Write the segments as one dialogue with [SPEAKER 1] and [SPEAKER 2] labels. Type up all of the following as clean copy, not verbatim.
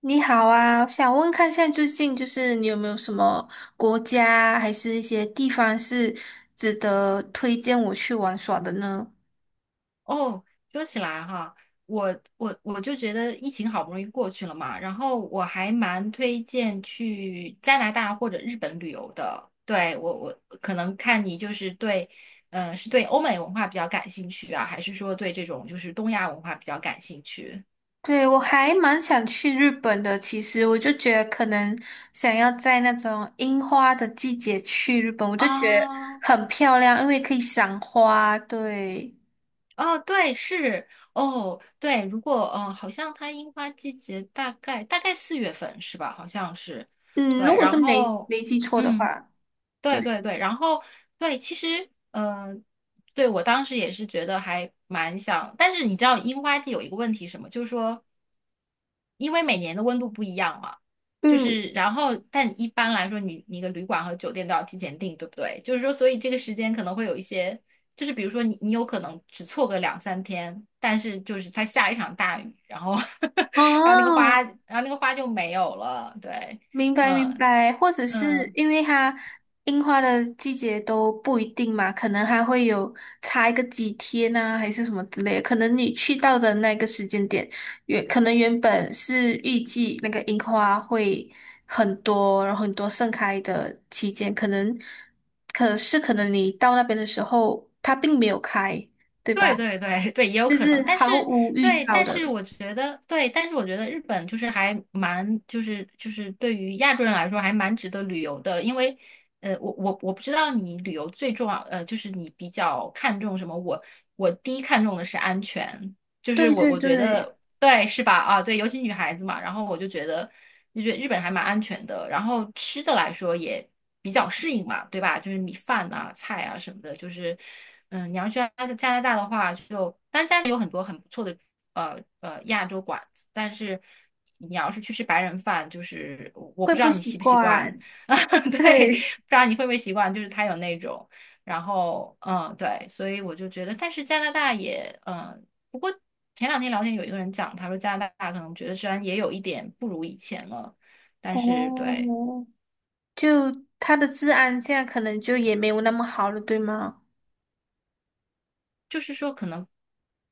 [SPEAKER 1] 你好啊，想问看现在最近就是你有没有什么国家还是一些地方是值得推荐我去玩耍的呢？
[SPEAKER 2] 哦，说起来哈，我就觉得疫情好不容易过去了嘛，然后我还蛮推荐去加拿大或者日本旅游的。对，我可能看你就是对，是对欧美文化比较感兴趣啊，还是说对这种就是东亚文化比较感兴趣？
[SPEAKER 1] 对，我还蛮想去日本的，其实我就觉得可能想要在那种樱花的季节去日本，我就觉得
[SPEAKER 2] 啊
[SPEAKER 1] 很漂亮，因为可以赏花。对，
[SPEAKER 2] 哦，对，是哦，对，如果好像它樱花季节大概4月份是吧？好像是，
[SPEAKER 1] 嗯，如
[SPEAKER 2] 对，
[SPEAKER 1] 果
[SPEAKER 2] 然
[SPEAKER 1] 是没
[SPEAKER 2] 后
[SPEAKER 1] 没记错的
[SPEAKER 2] 嗯。
[SPEAKER 1] 话，
[SPEAKER 2] 对
[SPEAKER 1] 对，
[SPEAKER 2] 对对，然后对，其实对我当时也是觉得还蛮想，但是你知道樱花季有一个问题是什么，就是说，因为每年的温度不一样嘛，就
[SPEAKER 1] 嗯，
[SPEAKER 2] 是然后但一般来说你的旅馆和酒店都要提前订，对不对？就是说，所以这个时间可能会有一些，就是比如说你有可能只错个两三天，但是就是它下一场大雨，然后
[SPEAKER 1] 哦，
[SPEAKER 2] 然后那个花就没有了，对，
[SPEAKER 1] 明白明
[SPEAKER 2] 嗯。
[SPEAKER 1] 白，或者是
[SPEAKER 2] 嗯，
[SPEAKER 1] 因为它樱花的季节都不一定嘛，可能还会有差一个几天啊，还是什么之类的。可能你去到的那个时间点，原可能原本是预计那个樱花会很多，然后很多盛开的期间，可是可能你到那边的时候，它并没有开，对吧？
[SPEAKER 2] 对对对 对，也有
[SPEAKER 1] 就
[SPEAKER 2] 可能，
[SPEAKER 1] 是
[SPEAKER 2] 但是
[SPEAKER 1] 毫无预
[SPEAKER 2] 对，
[SPEAKER 1] 兆
[SPEAKER 2] 但是
[SPEAKER 1] 的。
[SPEAKER 2] 我觉得对，但是我觉得日本就是还蛮就是对于亚洲人来说还蛮值得旅游的，因为呃，我不知道你旅游最重要呃，就是你比较看重什么，我第一看重的是安全，就是
[SPEAKER 1] 对
[SPEAKER 2] 我
[SPEAKER 1] 对
[SPEAKER 2] 我觉
[SPEAKER 1] 对，
[SPEAKER 2] 得对是吧？啊，对，尤其女孩子嘛，然后我就觉得日本还蛮安全的，然后吃的来说也比较适应嘛，对吧？就是米饭啊、菜啊什么的，就是嗯，你要去加拿大的话就，当然加拿大有很多很不错的亚洲馆子，但是你要是去吃白人饭，就是我
[SPEAKER 1] 会
[SPEAKER 2] 不知
[SPEAKER 1] 不
[SPEAKER 2] 道你
[SPEAKER 1] 习
[SPEAKER 2] 习不习惯，
[SPEAKER 1] 惯。
[SPEAKER 2] 对，不
[SPEAKER 1] 对。
[SPEAKER 2] 知道你会不会习惯，就是他有那种。然后，嗯，对，所以我就觉得，但是加拿大也，嗯，不过。前两天聊天有一个人讲，他说加拿大可能觉得虽然也有一点不如以前了，但是
[SPEAKER 1] 哦，
[SPEAKER 2] 对，
[SPEAKER 1] 就他的治安现在可能就也没有那么好了，对吗？
[SPEAKER 2] 就是说可能，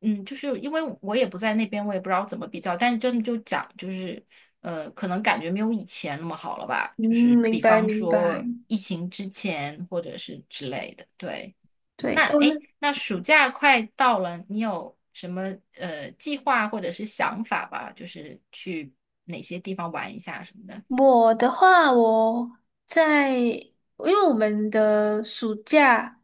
[SPEAKER 2] 嗯，就是因为我也不在那边，我也不知道怎么比较，但是真的就讲就是，呃，可能感觉没有以前那么好了吧，
[SPEAKER 1] 嗯，
[SPEAKER 2] 就是
[SPEAKER 1] 明
[SPEAKER 2] 比
[SPEAKER 1] 白
[SPEAKER 2] 方
[SPEAKER 1] 明白。
[SPEAKER 2] 说疫情之前或者是之类的，对。
[SPEAKER 1] 对，
[SPEAKER 2] 那
[SPEAKER 1] 哦，
[SPEAKER 2] 诶，那暑假快到了，你有什么呃计划或者是想法吧？就是去哪些地方玩一下什么的？
[SPEAKER 1] 我的话，我在，因为我们的暑假，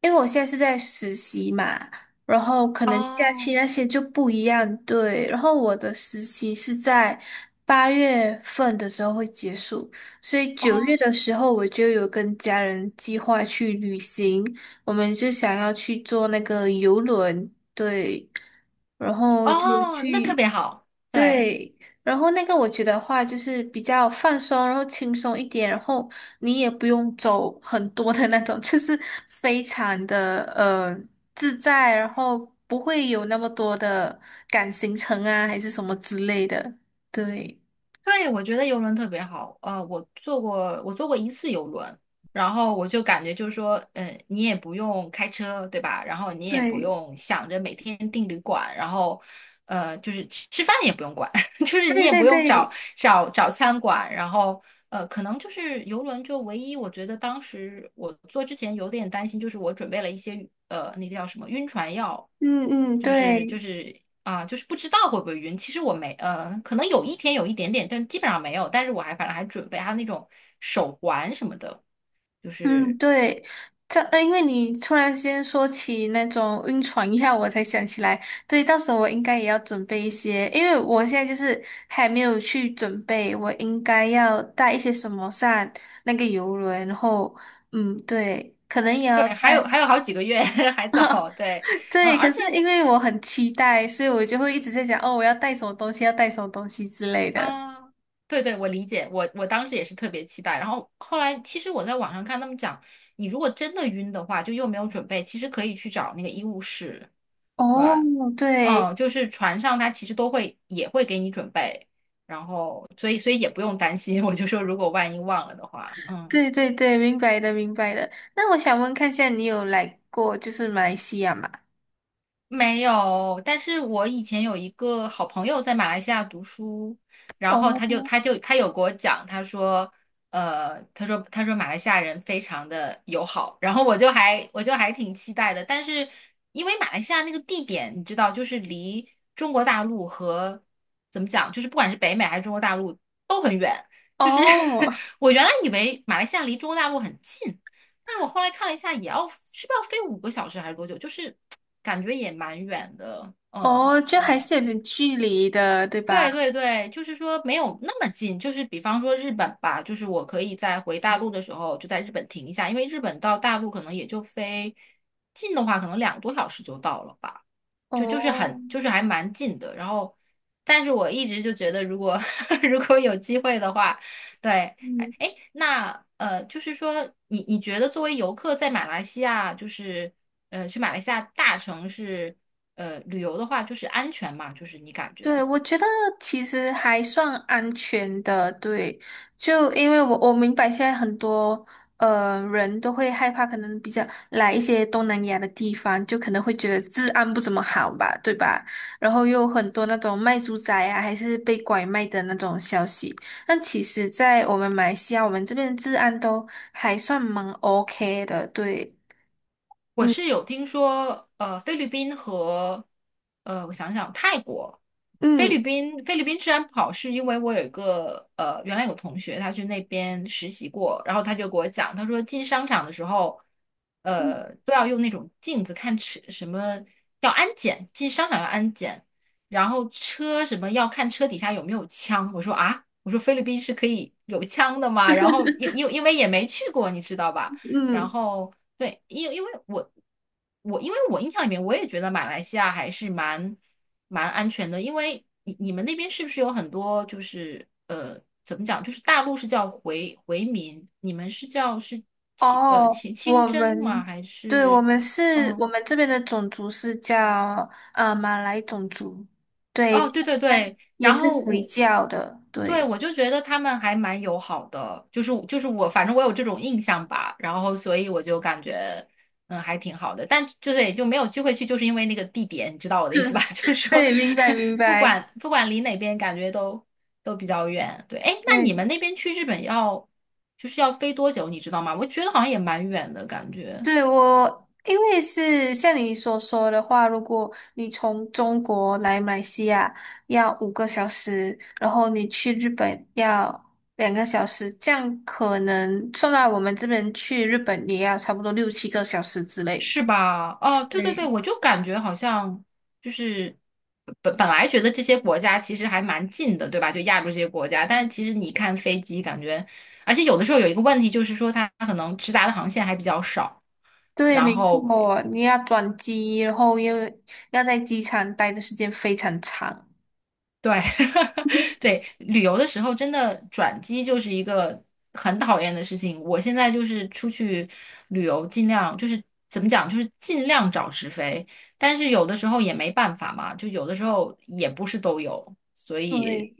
[SPEAKER 1] 因为我现在是在实习嘛，然后可能假期
[SPEAKER 2] 哦
[SPEAKER 1] 那些就不一样，对。然后我的实习是在8月份的时候会结束，所以9月
[SPEAKER 2] 哦，
[SPEAKER 1] 的时候我就有跟家人计划去旅行，我们就想要去坐那个游轮，对，然后就
[SPEAKER 2] 哦，那特
[SPEAKER 1] 去。
[SPEAKER 2] 别好，对
[SPEAKER 1] 对，然后那个我觉得话就是比较放松，然后轻松一点，然后你也不用走很多的那种，就是非常的自在，然后不会有那么多的赶行程啊，还是什么之类的。对，
[SPEAKER 2] 对，我觉得游轮特别好。呃，我坐过，我坐过一次游轮，然后我就感觉就是说，嗯，你也不用开车，对吧？然后你也不
[SPEAKER 1] 对，
[SPEAKER 2] 用想着每天订旅馆，然后呃，就是吃吃饭也不用管。就是你
[SPEAKER 1] 对
[SPEAKER 2] 也
[SPEAKER 1] 对
[SPEAKER 2] 不用找
[SPEAKER 1] 对，
[SPEAKER 2] 找找餐馆，然后呃，可能就是游轮就唯一，我觉得当时我做之前有点担心，就是我准备了一些呃那个叫什么晕船药，
[SPEAKER 1] 嗯嗯，
[SPEAKER 2] 就是
[SPEAKER 1] 对。
[SPEAKER 2] 就是就是不知道会不会晕。其实我没可能有一天有一点点，但基本上没有。但是我还反正还准备还有那种手环什么的，就
[SPEAKER 1] 嗯，
[SPEAKER 2] 是
[SPEAKER 1] 对，因为你突然间说起那种晕船一下，我才想起来，对，到时候我应该也要准备一些，因为我现在就是还没有去准备，我应该要带一些什么上那个游轮，然后，嗯，对，可能也
[SPEAKER 2] 对，
[SPEAKER 1] 要带，
[SPEAKER 2] 还有好几个月 还早，对。嗯，
[SPEAKER 1] 对，可
[SPEAKER 2] 而
[SPEAKER 1] 是
[SPEAKER 2] 且
[SPEAKER 1] 因
[SPEAKER 2] 我
[SPEAKER 1] 为我很期待，所以我就会一直在想，哦，我要带什么东西，要带什么东西之类的。
[SPEAKER 2] 啊，对对，我理解，我当时也是特别期待。然后后来，其实我在网上看他们讲，你如果真的晕的话，就又没有准备，其实可以去找那个医务室，对，
[SPEAKER 1] 哦，对。
[SPEAKER 2] 嗯，就是船上他其实都会也会给你准备，然后所以也不用担心。我就说，如果万一忘了的话，嗯。
[SPEAKER 1] 对对对，明白的明白的。那我想问看一下，你有来过就是马来西亚吗？
[SPEAKER 2] 没有，但是我以前有一个好朋友在马来西亚读书，然后他就
[SPEAKER 1] 哦
[SPEAKER 2] 他就他有给我讲，他说，呃，他说马来西亚人非常的友好，然后我就还挺期待的，但是因为马来西亚那个地点你知道，就是离中国大陆和怎么讲，就是不管是北美还是中国大陆都很远，就是
[SPEAKER 1] 哦
[SPEAKER 2] 我原来以为马来西亚离中国大陆很近，但是我后来看了一下，也要是不是要飞5个小时还是多久？就是感觉也蛮远的。嗯，
[SPEAKER 1] 哦，就还
[SPEAKER 2] 对，
[SPEAKER 1] 是有点距离的，对吧？
[SPEAKER 2] 对对对，就是说没有那么近。就是比方说日本吧，就是我可以在回大陆的时候就在日本停一下，因为日本到大陆可能也就飞近的话，可能2个多小时就到了吧。就就是
[SPEAKER 1] 哦，
[SPEAKER 2] 很就是还蛮近的。然后，但是我一直就觉得，如果 如果有机会的话，对，哎，
[SPEAKER 1] 嗯。
[SPEAKER 2] 哎那呃，就是说你你觉得作为游客在马来西亚，就是呃去马来西亚大城市呃旅游的话，就是安全嘛？就是你感觉？
[SPEAKER 1] 对，我觉得其实还算安全的，对，就因为我明白现在很多呃人都会害怕，可能比较来一些东南亚的地方，就可能会觉得治安不怎么好吧，对吧？然后又有很多那种卖猪仔啊，还是被拐卖的那种消息。但其实，在我们马来西亚，我们这边治安都还算蛮 OK 的，对，
[SPEAKER 2] 我
[SPEAKER 1] 嗯
[SPEAKER 2] 是有听说，呃，菲律宾和，呃，我想想，泰国，菲
[SPEAKER 1] 嗯
[SPEAKER 2] 律宾，菲律宾治安不好，是因为我有一个，呃，原来有同学他去那边实习过，然后他就给我讲，他说进商场的时候，
[SPEAKER 1] 嗯
[SPEAKER 2] 呃，都要用那种镜子看车，什么要安检，进商场要安检，然后车什么要看车底下有没有枪。我说啊，我说菲律宾是可以有枪的吗？然后因为也没去过，你知道吧？然
[SPEAKER 1] 嗯。
[SPEAKER 2] 后对，因为我印象里面，我也觉得马来西亚还是蛮安全的，因为你你们那边是不是有很多就是呃怎么讲，就是大陆是叫回民，你们是叫是清呃
[SPEAKER 1] 哦，
[SPEAKER 2] 清清
[SPEAKER 1] 我
[SPEAKER 2] 真吗？
[SPEAKER 1] 们，
[SPEAKER 2] 还
[SPEAKER 1] 对，我
[SPEAKER 2] 是
[SPEAKER 1] 们是，
[SPEAKER 2] 嗯
[SPEAKER 1] 我们这边的种族是叫马来种族，对，
[SPEAKER 2] 哦，对对
[SPEAKER 1] 他们
[SPEAKER 2] 对，
[SPEAKER 1] 也
[SPEAKER 2] 然
[SPEAKER 1] 是
[SPEAKER 2] 后
[SPEAKER 1] 回
[SPEAKER 2] 我。
[SPEAKER 1] 教的，
[SPEAKER 2] 对，
[SPEAKER 1] 对，
[SPEAKER 2] 我就觉得他们还蛮友好的，就是就是我，反正我有这种印象吧，然后所以我就感觉，嗯，还挺好的，但就对，就没有机会去，就是因为那个地点，你知道我的意思吧？就是说，
[SPEAKER 1] 对，明白明
[SPEAKER 2] 不
[SPEAKER 1] 白，
[SPEAKER 2] 管不管离哪边，感觉都比较远。对，哎，那你们
[SPEAKER 1] 对，
[SPEAKER 2] 那边去日本要就是要飞多久，你知道吗？我觉得好像也蛮远的感觉。
[SPEAKER 1] 对，我，因为是像你所说的话，如果你从中国来马来西亚要5个小时，然后你去日本要2个小时，这样可能算到我们这边去日本也要差不多6、7个小时之类。
[SPEAKER 2] 是吧？哦，对对对，
[SPEAKER 1] 对
[SPEAKER 2] 我就感觉好像就是本来觉得这些国家其实还蛮近的，对吧？就亚洲这些国家，但是其实你看飞机，感觉而且有的时候有一个问题就是说它可能直达的航线还比较少，
[SPEAKER 1] 对，
[SPEAKER 2] 然
[SPEAKER 1] 没
[SPEAKER 2] 后
[SPEAKER 1] 错，你要转机，然后又要在机场待的时间非常长，
[SPEAKER 2] 对，对，旅游的时候真的转机就是一个很讨厌的事情。我现在就是出去旅游，尽量就是怎么讲，就是尽量找直飞，但是有的时候也没办法嘛，就有的时候也不是都有，所以，
[SPEAKER 1] 对，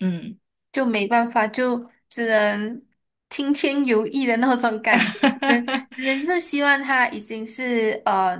[SPEAKER 2] 嗯，
[SPEAKER 1] 就没办法，就只能听天由命的那种感觉，只能 只能是希望他已经是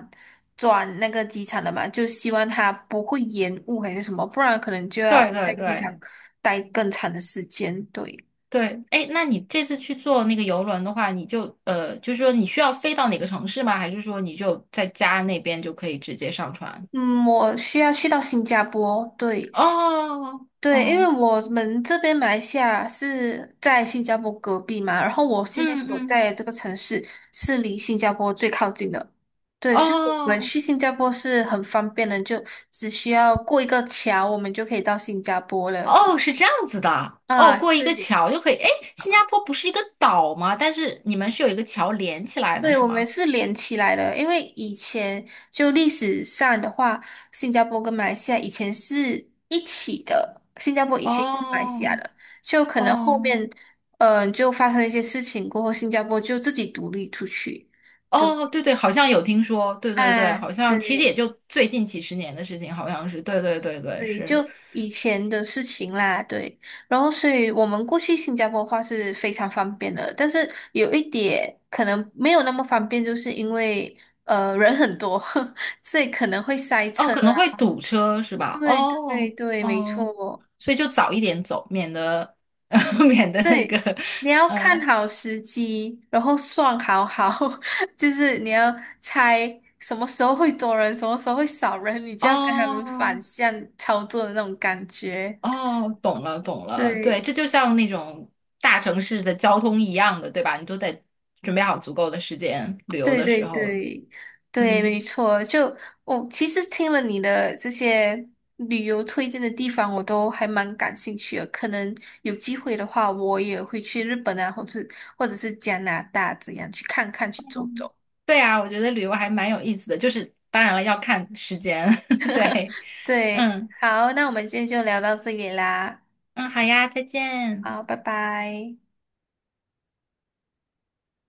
[SPEAKER 1] 转那个机场了嘛，就希望他不会延误还是什么，不然可能就要
[SPEAKER 2] 对
[SPEAKER 1] 在
[SPEAKER 2] 对
[SPEAKER 1] 机场
[SPEAKER 2] 对
[SPEAKER 1] 待更长的时间。对，
[SPEAKER 2] 对，哎，那你这次去坐那个游轮的话，你就呃，就是说你需要飞到哪个城市吗？还是说你就在家那边就可以直接上船？
[SPEAKER 1] 嗯，我需要去到新加坡，对，
[SPEAKER 2] 哦
[SPEAKER 1] 对，因为
[SPEAKER 2] 哦。
[SPEAKER 1] 我们这边马来西亚是在新加坡隔壁嘛，然后我现在
[SPEAKER 2] 嗯
[SPEAKER 1] 所
[SPEAKER 2] 嗯，
[SPEAKER 1] 在的这个城市是离新加坡最靠近的，对，所以我们
[SPEAKER 2] 哦
[SPEAKER 1] 去新加坡是很方便的，就只需要过一个桥，我们就可以到新加坡了。
[SPEAKER 2] 哦，是这样子的，哦，
[SPEAKER 1] 啊，
[SPEAKER 2] 过一个
[SPEAKER 1] 对，
[SPEAKER 2] 桥就可以。哎，新加坡不是一个岛吗？但是你们是有一个桥连起来的，
[SPEAKER 1] 对，
[SPEAKER 2] 是
[SPEAKER 1] 我们
[SPEAKER 2] 吗？
[SPEAKER 1] 是连起来的，因为以前就历史上的话，新加坡跟马来西亚以前是一起的，新加坡以前也是马来西亚
[SPEAKER 2] 哦
[SPEAKER 1] 的，就可能后
[SPEAKER 2] 哦
[SPEAKER 1] 面，就发生一些事情过后，新加坡就自己独立出去。对
[SPEAKER 2] 哦，对对，好像有听说，对对对，
[SPEAKER 1] 啊，
[SPEAKER 2] 好像其实
[SPEAKER 1] 对，
[SPEAKER 2] 也就最近几十年的事情，好像是，对对对对，
[SPEAKER 1] 对，
[SPEAKER 2] 是。
[SPEAKER 1] 就以前的事情啦，对。然后，所以我们过去新加坡的话是非常方便的，但是有一点可能没有那么方便，就是因为人很多，所以可能会塞
[SPEAKER 2] 哦，
[SPEAKER 1] 车。
[SPEAKER 2] 可能会堵车是吧？
[SPEAKER 1] 对对
[SPEAKER 2] 哦
[SPEAKER 1] 对，没
[SPEAKER 2] 哦，
[SPEAKER 1] 错。
[SPEAKER 2] 所以就早一点走，免得 免得那个，
[SPEAKER 1] 对，你要看
[SPEAKER 2] 嗯，
[SPEAKER 1] 好时机，然后算好好，就是你要猜什么时候会多人，什么时候会少人，你就要跟他们反
[SPEAKER 2] 哦
[SPEAKER 1] 向操作的那种感觉。
[SPEAKER 2] 哦，懂了，懂了，对，
[SPEAKER 1] 对。
[SPEAKER 2] 这就像那种大城市的交通一样的，对吧？你都得准备好足够的时间，旅游
[SPEAKER 1] 对
[SPEAKER 2] 的
[SPEAKER 1] 对
[SPEAKER 2] 时候，
[SPEAKER 1] 对对，
[SPEAKER 2] 嗯，
[SPEAKER 1] 没错。就我其实听了你的这些旅游推荐的地方，我都还蛮感兴趣的。可能有机会的话，我也会去日本啊，或者是加拿大这样去看看，去走走。
[SPEAKER 2] 对啊，我觉得旅游还蛮有意思的，就是当然了，要看时间，对，
[SPEAKER 1] 对，
[SPEAKER 2] 嗯
[SPEAKER 1] 好，那我们今天就聊到这里啦。
[SPEAKER 2] 嗯，好呀，再见。
[SPEAKER 1] 好，拜拜。